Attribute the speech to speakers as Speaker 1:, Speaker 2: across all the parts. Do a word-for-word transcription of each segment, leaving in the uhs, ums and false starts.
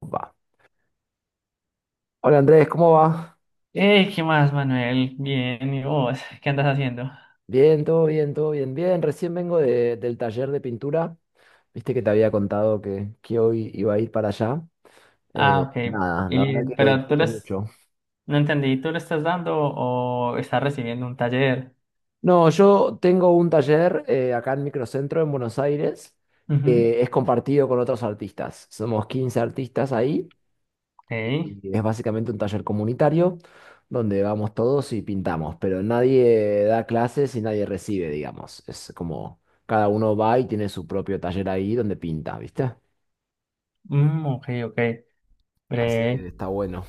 Speaker 1: Va. Hola Andrés, ¿cómo va?
Speaker 2: Eh, ¿qué más, Manuel? Bien, ¿y vos? ¿Qué andas haciendo?
Speaker 1: Bien, todo bien, todo bien, bien. Recién vengo de- del taller de pintura. Viste que te había contado que, que hoy iba a ir para allá.
Speaker 2: Ah,
Speaker 1: Eh,
Speaker 2: ok.
Speaker 1: nada, la
Speaker 2: Y,
Speaker 1: verdad que lo
Speaker 2: pero tú
Speaker 1: disfruto
Speaker 2: les...
Speaker 1: mucho.
Speaker 2: No entendí, ¿tú le estás dando o estás recibiendo un taller?
Speaker 1: No, yo tengo un taller eh, acá en Microcentro, en Buenos Aires,
Speaker 2: Ujú,
Speaker 1: que es compartido con otros artistas. Somos quince artistas ahí
Speaker 2: ok.
Speaker 1: y es básicamente un taller comunitario donde vamos todos y pintamos, pero nadie da clases y nadie recibe, digamos. Es como cada uno va y tiene su propio taller ahí donde pinta, ¿viste?
Speaker 2: Mm, ok, ok.
Speaker 1: Así que
Speaker 2: Bre.
Speaker 1: está bueno.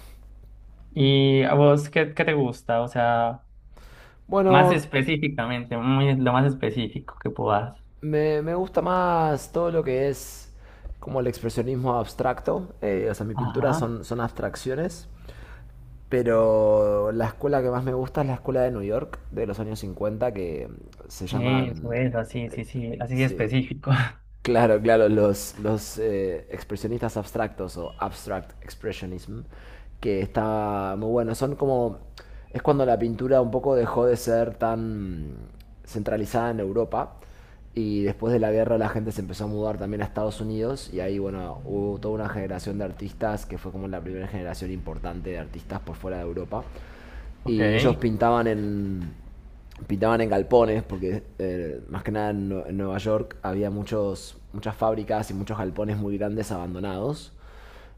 Speaker 2: ¿Y a vos qué, qué te gusta? O sea, más
Speaker 1: Bueno,
Speaker 2: específicamente, muy, lo más específico que puedas.
Speaker 1: me, me gusta más todo lo que es como el expresionismo abstracto. eh, o sea, mi pintura
Speaker 2: Ajá.
Speaker 1: son, son abstracciones. Pero la escuela que más me gusta es la escuela de New York de los años cincuenta que se
Speaker 2: Eso, eso,
Speaker 1: llaman,
Speaker 2: es, así, sí, sí, así
Speaker 1: sí.
Speaker 2: específico.
Speaker 1: Claro, claro, los, los eh, expresionistas abstractos o abstract expressionism, que está muy bueno. Son como. Es cuando la pintura un poco dejó de ser tan centralizada en Europa y después de la guerra la gente se empezó a mudar también a Estados Unidos y ahí, bueno, hubo toda una generación de artistas que fue como la primera generación importante de artistas por fuera de Europa
Speaker 2: Ok.
Speaker 1: y ellos pintaban en pintaban en galpones, porque eh, más que nada en, en Nueva York había muchos, muchas fábricas y muchos galpones muy grandes abandonados.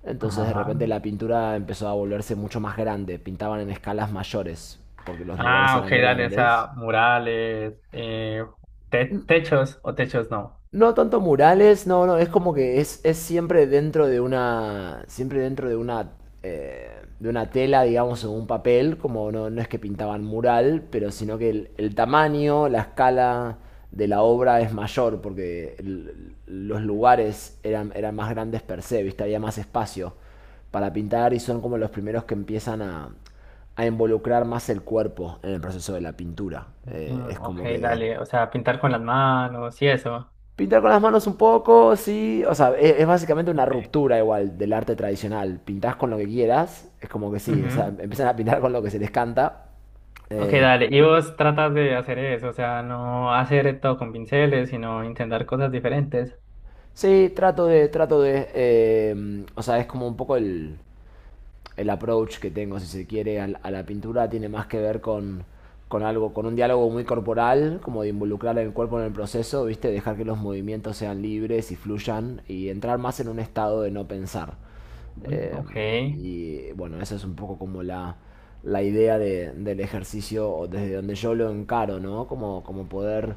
Speaker 1: Entonces de
Speaker 2: Ajá.
Speaker 1: repente la pintura empezó a volverse mucho más grande, pintaban en escalas mayores, porque los lugares
Speaker 2: Ah, ok,
Speaker 1: eran
Speaker 2: dale, o sea,
Speaker 1: grandes.
Speaker 2: murales, eh, te- techos o techos no.
Speaker 1: No tanto murales, no, no, es como que es, es siempre dentro de una, siempre dentro de una, eh, de una tela, digamos, o un papel, como no, no es que pintaban mural, pero sino que el, el tamaño, la escala de la obra es mayor, porque el- los lugares eran, eran más grandes per se, ¿viste? Había más espacio para pintar y son como los primeros que empiezan a, a involucrar más el cuerpo en el proceso de la pintura. Eh,
Speaker 2: Mm,
Speaker 1: es
Speaker 2: ok,
Speaker 1: como que
Speaker 2: dale, o sea, pintar con las manos y eso.
Speaker 1: pintar con las manos un poco, sí. O sea, es, es básicamente una
Speaker 2: Ok.
Speaker 1: ruptura igual del arte tradicional. Pintás con lo que quieras, es como que sí, es- a-
Speaker 2: Ujú.
Speaker 1: empiezan a pintar con lo que se les canta.
Speaker 2: Ok,
Speaker 1: Eh,
Speaker 2: dale, y vos tratas de hacer eso, o sea, no hacer todo con pinceles, sino intentar cosas diferentes.
Speaker 1: sí, trato de, trato de. eh, o sea, es como un poco el, el approach que tengo, si se quiere, al- a, la pintura. Tiene más que ver con, con algo, con un diálogo muy corporal, como de involucrar el cuerpo en el proceso, ¿viste? Dejar que los movimientos sean libres y fluyan y entrar más en un estado de no pensar.
Speaker 2: Mm,
Speaker 1: Eh,
Speaker 2: ok.
Speaker 1: y bueno, esa es un poco como la, la idea de- del ejercicio, o desde donde yo lo encaro, ¿no? Como, como poder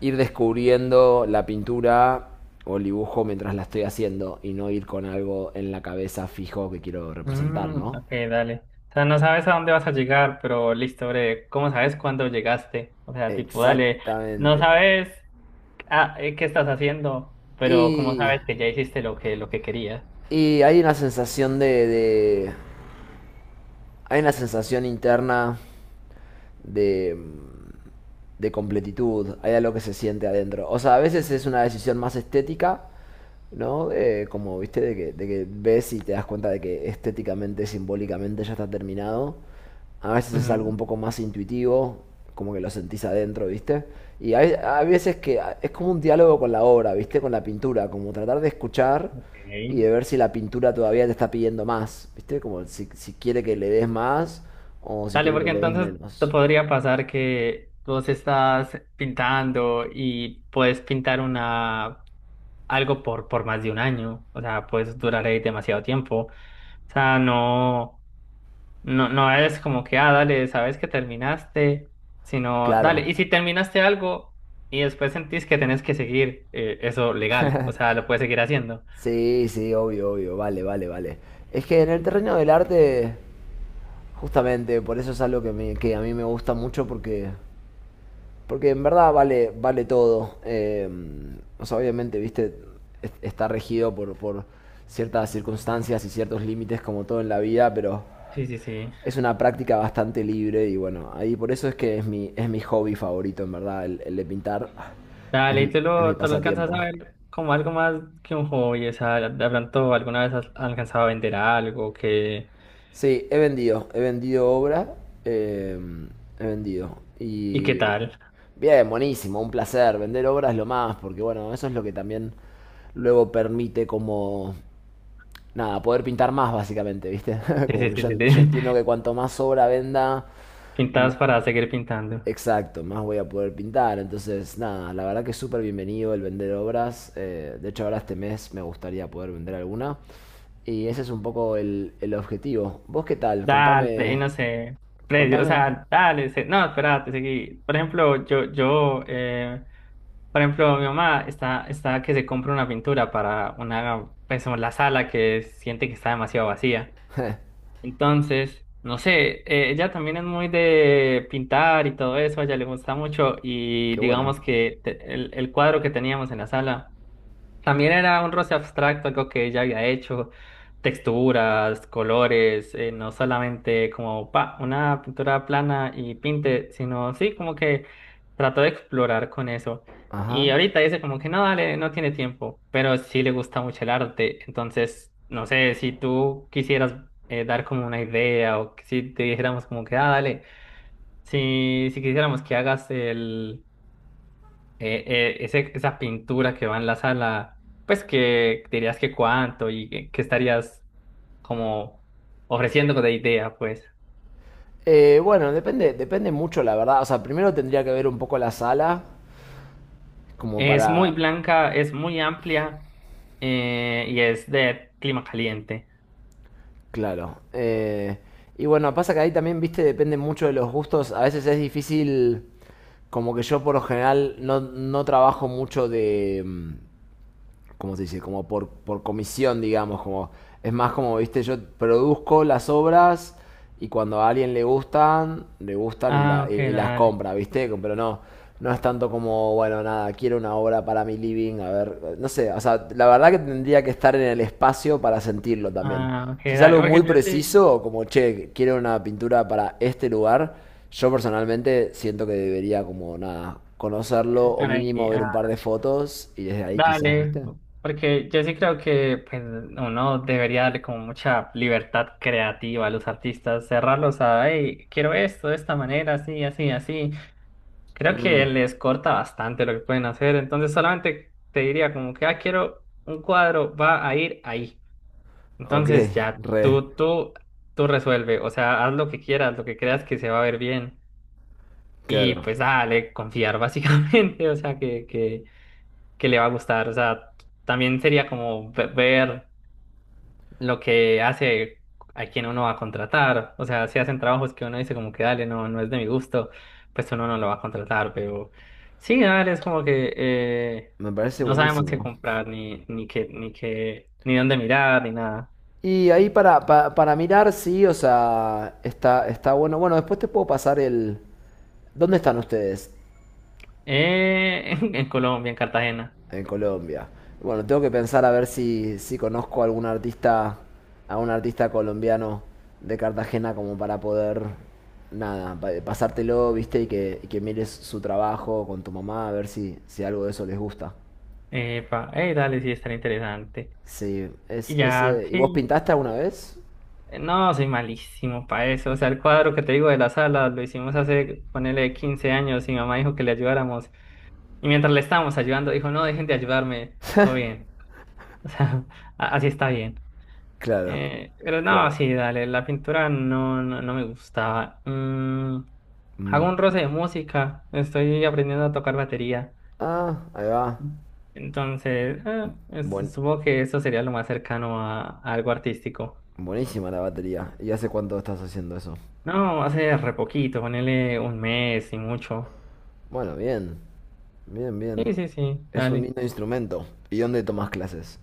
Speaker 1: ir descubriendo la pintura o el dibujo mientras la estoy haciendo y no ir con algo en la cabeza fijo que quiero representar,
Speaker 2: Mm,
Speaker 1: ¿no?
Speaker 2: ok, dale. O sea, no sabes a dónde vas a llegar, pero listo, bre, ¿cómo sabes cuándo llegaste? O sea, tipo, dale, no
Speaker 1: Exactamente.
Speaker 2: sabes. Ah, eh, ¿qué estás haciendo? Pero ¿cómo
Speaker 1: Y,
Speaker 2: sabes que ya hiciste lo que, lo que querías?
Speaker 1: y hay una sensación de, de-. Hay una sensación interna de... de completitud, hay algo que se siente adentro. O sea, a veces es una decisión más estética, ¿no? Eh, como, viste, de que, de que ves y te das cuenta de que estéticamente, simbólicamente ya está terminado. A veces es algo un
Speaker 2: Ujú,
Speaker 1: poco más intuitivo, como que lo sentís adentro, ¿viste? Y hay, hay veces que a- es como un diálogo con la obra, ¿viste? Con la pintura, como tratar de escuchar
Speaker 2: ok.
Speaker 1: y de ver si la pintura todavía te está pidiendo más, ¿viste? Como si, si quiere que le des más o si
Speaker 2: Dale,
Speaker 1: quiere que
Speaker 2: porque
Speaker 1: le des
Speaker 2: entonces te
Speaker 1: menos.
Speaker 2: podría pasar que vos estás pintando y puedes pintar una algo por, por más de un año. O sea, puedes durar ahí demasiado tiempo. O sea, no, no, no es como que, ah, dale, sabes que terminaste, sino, dale,
Speaker 1: Claro.
Speaker 2: y si terminaste algo y después sentís que tenés que seguir eh, eso legal, o sea, lo puedes seguir haciendo.
Speaker 1: Sí, sí, obvio, obvio, vale, vale, vale. Es que en el terreno del arte, justamente, por eso es algo que, me- que a mí me gusta mucho porque, porque en verdad vale, vale todo. Eh, o sea, obviamente, viste, es- está regido por, por ciertas circunstancias y ciertos límites como todo en la vida, pero
Speaker 2: Sí, sí, sí.
Speaker 1: es una práctica bastante libre y bueno, ahí por eso es que es mi, es mi hobby favorito, en verdad, el, el de pintar. Es,
Speaker 2: Dale, y tú
Speaker 1: es mi
Speaker 2: lo, tú lo alcanzas a
Speaker 1: pasatiempo.
Speaker 2: ver como algo más que un hobby, o sea, de pronto alguna vez has alcanzado a vender algo, que,
Speaker 1: Sí, he vendido, he vendido obra, eh, he vendido.
Speaker 2: ¿y qué
Speaker 1: Y
Speaker 2: tal?
Speaker 1: bien, buenísimo, un placer. Vender obra es lo más, porque bueno, eso es lo que también luego permite como, nada, poder pintar más básicamente, ¿viste?
Speaker 2: Sí,
Speaker 1: Como
Speaker 2: sí,
Speaker 1: que
Speaker 2: sí,
Speaker 1: yo,
Speaker 2: sí,
Speaker 1: en-
Speaker 2: sí.
Speaker 1: yo entiendo que cuanto más obra venda, m-
Speaker 2: Pintas para seguir pintando.
Speaker 1: exacto, más voy a poder pintar. Entonces, nada, la verdad que es súper bienvenido el vender obras. Eh, de hecho, ahora este mes me gustaría poder vender alguna. Y ese es un poco el, el objetivo. ¿Vos qué tal?
Speaker 2: Dale, y
Speaker 1: Contame.
Speaker 2: no sé, precio, o
Speaker 1: Contame.
Speaker 2: sea, dale, se- no, espérate, seguí. Por ejemplo, yo, yo, eh, por ejemplo, mi mamá está, está que se compra una pintura para una, pues, la sala que siente que está demasiado vacía. Entonces, no sé, eh, ella también es muy de pintar y todo eso, a ella le gusta mucho y
Speaker 1: Qué bueno.
Speaker 2: digamos que te- el, el cuadro que teníamos en la sala. También era un roce abstracto, algo que ella había hecho, texturas, colores, eh, no solamente como pa, una pintura plana y pinte, sino sí, como que trató de explorar con eso. Y
Speaker 1: Ajá.
Speaker 2: ahorita dice como que no, dale, no tiene tiempo, pero sí le gusta mucho el arte. Entonces, no sé, si tú quisieras eh, dar como una idea o que si te dijéramos como que, ah, dale, si, si quisiéramos que hagas el eh, eh, ese- esa pintura que va en la sala, pues que dirías que cuánto y que, que estarías como ofreciendo de idea, pues.
Speaker 1: Eh, bueno, depende, depende mucho, la verdad. O sea, primero tendría que ver un poco la sala, como
Speaker 2: Es muy
Speaker 1: para...
Speaker 2: blanca, es muy amplia eh, y es de clima caliente.
Speaker 1: Claro. Eh, y bueno, pasa que ahí también, viste, depende mucho de los gustos. A veces es difícil, como que yo por lo general no, no trabajo mucho de... mm, ¿cómo se dice? Como por, por comisión, digamos, como es más como, viste, yo produzco las obras y cuando a alguien le gustan, le gustan y,
Speaker 2: Ah,
Speaker 1: la- y-
Speaker 2: ok,
Speaker 1: y las
Speaker 2: dale.
Speaker 1: compra, viste, pero no, no es tanto como, bueno, nada, quiero una obra para mi living, a ver, no sé, o sea, la verdad que tendría que estar en el espacio para sentirlo también.
Speaker 2: Ah, ok,
Speaker 1: Si es
Speaker 2: dale.
Speaker 1: algo
Speaker 2: Porque
Speaker 1: muy
Speaker 2: yo sí
Speaker 1: preciso, como, che, quiero una pintura para este lugar, yo personalmente siento que debería como, nada, conocerlo o
Speaker 2: estar
Speaker 1: mínimo
Speaker 2: ahí.
Speaker 1: ver un
Speaker 2: Ah,
Speaker 1: par de fotos y desde ahí quizás,
Speaker 2: dale.
Speaker 1: viste.
Speaker 2: Porque yo sí creo que pues, uno debería darle como mucha libertad creativa a los artistas, cerrarlos a, hey, quiero esto de esta manera, así, así, así. Creo
Speaker 1: Mm,
Speaker 2: que les corta bastante lo que pueden hacer, entonces solamente te diría como que, ah, quiero un cuadro, va a ir ahí.
Speaker 1: ok,
Speaker 2: Entonces ya
Speaker 1: re,
Speaker 2: tú, tú, tú resuelve, o sea, haz lo que quieras, lo que creas que se va a ver bien y
Speaker 1: claro.
Speaker 2: pues dale, confiar básicamente, o sea, que, que, que le va a gustar, o sea, también sería como ve- ver lo que hace a quien uno va a contratar. O sea, si hacen trabajos que uno dice como que dale, no, no es de mi gusto, pues uno no lo va a contratar, pero sí, dale, es como que eh,
Speaker 1: Me parece
Speaker 2: no sabemos qué
Speaker 1: buenísimo.
Speaker 2: comprar, ni, ni qué, ni qué, ni dónde mirar, ni nada.
Speaker 1: Y ahí para, pa- para mirar, sí, o sea, está, está bueno. Bueno, después te puedo pasar el... ¿Dónde están ustedes?
Speaker 2: Eh, en, en Colombia, en Cartagena.
Speaker 1: En Colombia. Bueno, tengo que pensar a ver si, si conozco a algún artista, a un artista colombiano de Cartagena como para poder, nada, pa- pasártelo, viste, y que, y que mires su trabajo con tu mamá, a ver si, si algo de eso les gusta.
Speaker 2: Epa, eh, dale, sí, tan interesante.
Speaker 1: Sí, es,
Speaker 2: Y
Speaker 1: es,
Speaker 2: ya,
Speaker 1: eh, ¿y vos
Speaker 2: sí.
Speaker 1: pintaste alguna vez?
Speaker 2: Eh, no, soy malísimo para eso. O sea, el cuadro que te digo de la sala lo hicimos hace, ponele, quince años y mi mamá dijo que le ayudáramos. Y mientras le estábamos ayudando, dijo, no, dejen de ayudarme, todo bien. O sea, a- así está bien.
Speaker 1: Claro,
Speaker 2: Eh, pero no,
Speaker 1: claro.
Speaker 2: sí, dale, la pintura no, no, no me gustaba. Mm, hago
Speaker 1: Mm.
Speaker 2: un roce de música, estoy aprendiendo a tocar batería.
Speaker 1: Ah, ahí va.
Speaker 2: Entonces, eh, es-
Speaker 1: Buen-
Speaker 2: supongo que eso sería lo más cercano a, a algo artístico.
Speaker 1: Buenísima la batería. ¿Y hace cuánto estás haciendo eso?
Speaker 2: No, hace re poquito, ponele un mes y mucho.
Speaker 1: Bueno, bien. Bien,
Speaker 2: Sí,
Speaker 1: bien.
Speaker 2: sí, sí,
Speaker 1: Es un
Speaker 2: dale.
Speaker 1: lindo instrumento. ¿Y dónde tomas clases?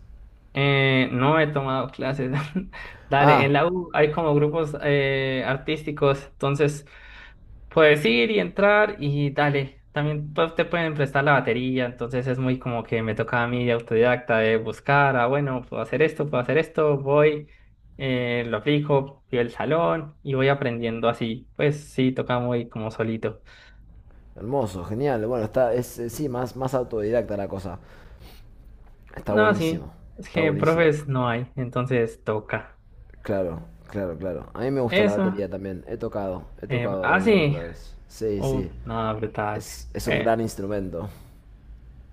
Speaker 2: Eh, no he tomado clases. Dale,
Speaker 1: Ah,
Speaker 2: en la U hay como grupos eh, artísticos, entonces puedes ir y entrar y dale. También pues, te pueden prestar la batería, entonces es muy como que me toca a mí de autodidacta de buscar, ah, bueno, puedo hacer esto, puedo hacer esto, voy, eh, lo aplico, pido el salón y voy aprendiendo así. Pues sí, toca muy como solito.
Speaker 1: hermoso, genial. Bueno, está, es, eh, sí, más, más autodidacta la cosa. Está
Speaker 2: No, sí,
Speaker 1: buenísimo.
Speaker 2: es
Speaker 1: Está
Speaker 2: que
Speaker 1: buenísimo.
Speaker 2: profes no hay, entonces toca.
Speaker 1: Claro, claro, claro. A mí me gusta la
Speaker 2: Eso.
Speaker 1: batería también. He tocado, he
Speaker 2: Eh,
Speaker 1: tocado
Speaker 2: ah,
Speaker 1: alguna que
Speaker 2: sí.
Speaker 1: otra vez. Sí,
Speaker 2: Uf,
Speaker 1: sí.
Speaker 2: no, brutal.
Speaker 1: Es, es un
Speaker 2: Eh,
Speaker 1: gran instrumento.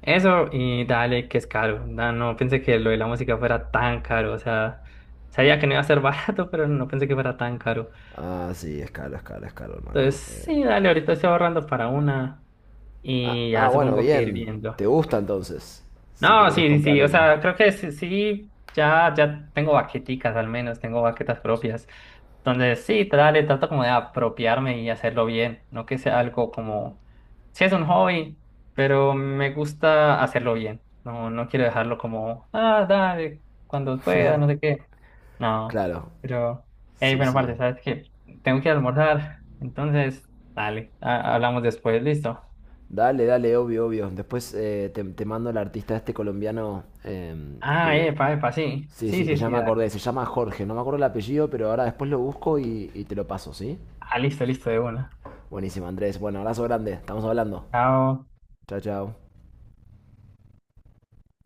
Speaker 2: eso y dale, que es caro. No, no pensé que lo de la música fuera tan caro. O sea, sabía que no iba a ser barato, pero no pensé que fuera tan caro.
Speaker 1: Ah, sí, es caro, es caro, es caro, hermano.
Speaker 2: Entonces,
Speaker 1: Eh,
Speaker 2: sí, dale, ahorita estoy ahorrando para una
Speaker 1: Ah,
Speaker 2: y ya
Speaker 1: ah, bueno,
Speaker 2: supongo que ir
Speaker 1: bien.
Speaker 2: viendo.
Speaker 1: ¿Te gusta entonces? Si te
Speaker 2: No,
Speaker 1: querés
Speaker 2: sí, sí,
Speaker 1: comprar
Speaker 2: sí. O
Speaker 1: una.
Speaker 2: sea, creo que sí, sí, ya, ya tengo baqueticas al menos, tengo baquetas propias. Entonces, sí, dale, trato como de apropiarme y hacerlo bien, no que sea algo como, sí es un hobby, pero me gusta hacerlo bien, no, no quiero dejarlo como, ah, dale, cuando pueda, no sé qué, no,
Speaker 1: Claro.
Speaker 2: pero, hey,
Speaker 1: Sí,
Speaker 2: bueno,
Speaker 1: sí.
Speaker 2: parte, ¿sabes qué? Tengo que ir a almorzar, entonces, dale, a- hablamos después, listo.
Speaker 1: Dale, dale, obvio, obvio. Después eh, te, te mando el artista este colombiano em,
Speaker 2: Ah,
Speaker 1: que...
Speaker 2: epa, epa, sí,
Speaker 1: Sí,
Speaker 2: sí,
Speaker 1: sí, que
Speaker 2: sí,
Speaker 1: ya
Speaker 2: sí,
Speaker 1: me
Speaker 2: dale,
Speaker 1: acordé. Se llama Jorge. No me acuerdo el apellido, pero ahora después lo busco y, y te lo paso, ¿sí?
Speaker 2: ah, listo, listo, de una,
Speaker 1: Buenísimo, Andrés. Bueno, abrazo grande. Estamos hablando.
Speaker 2: chao.
Speaker 1: Chao, chao.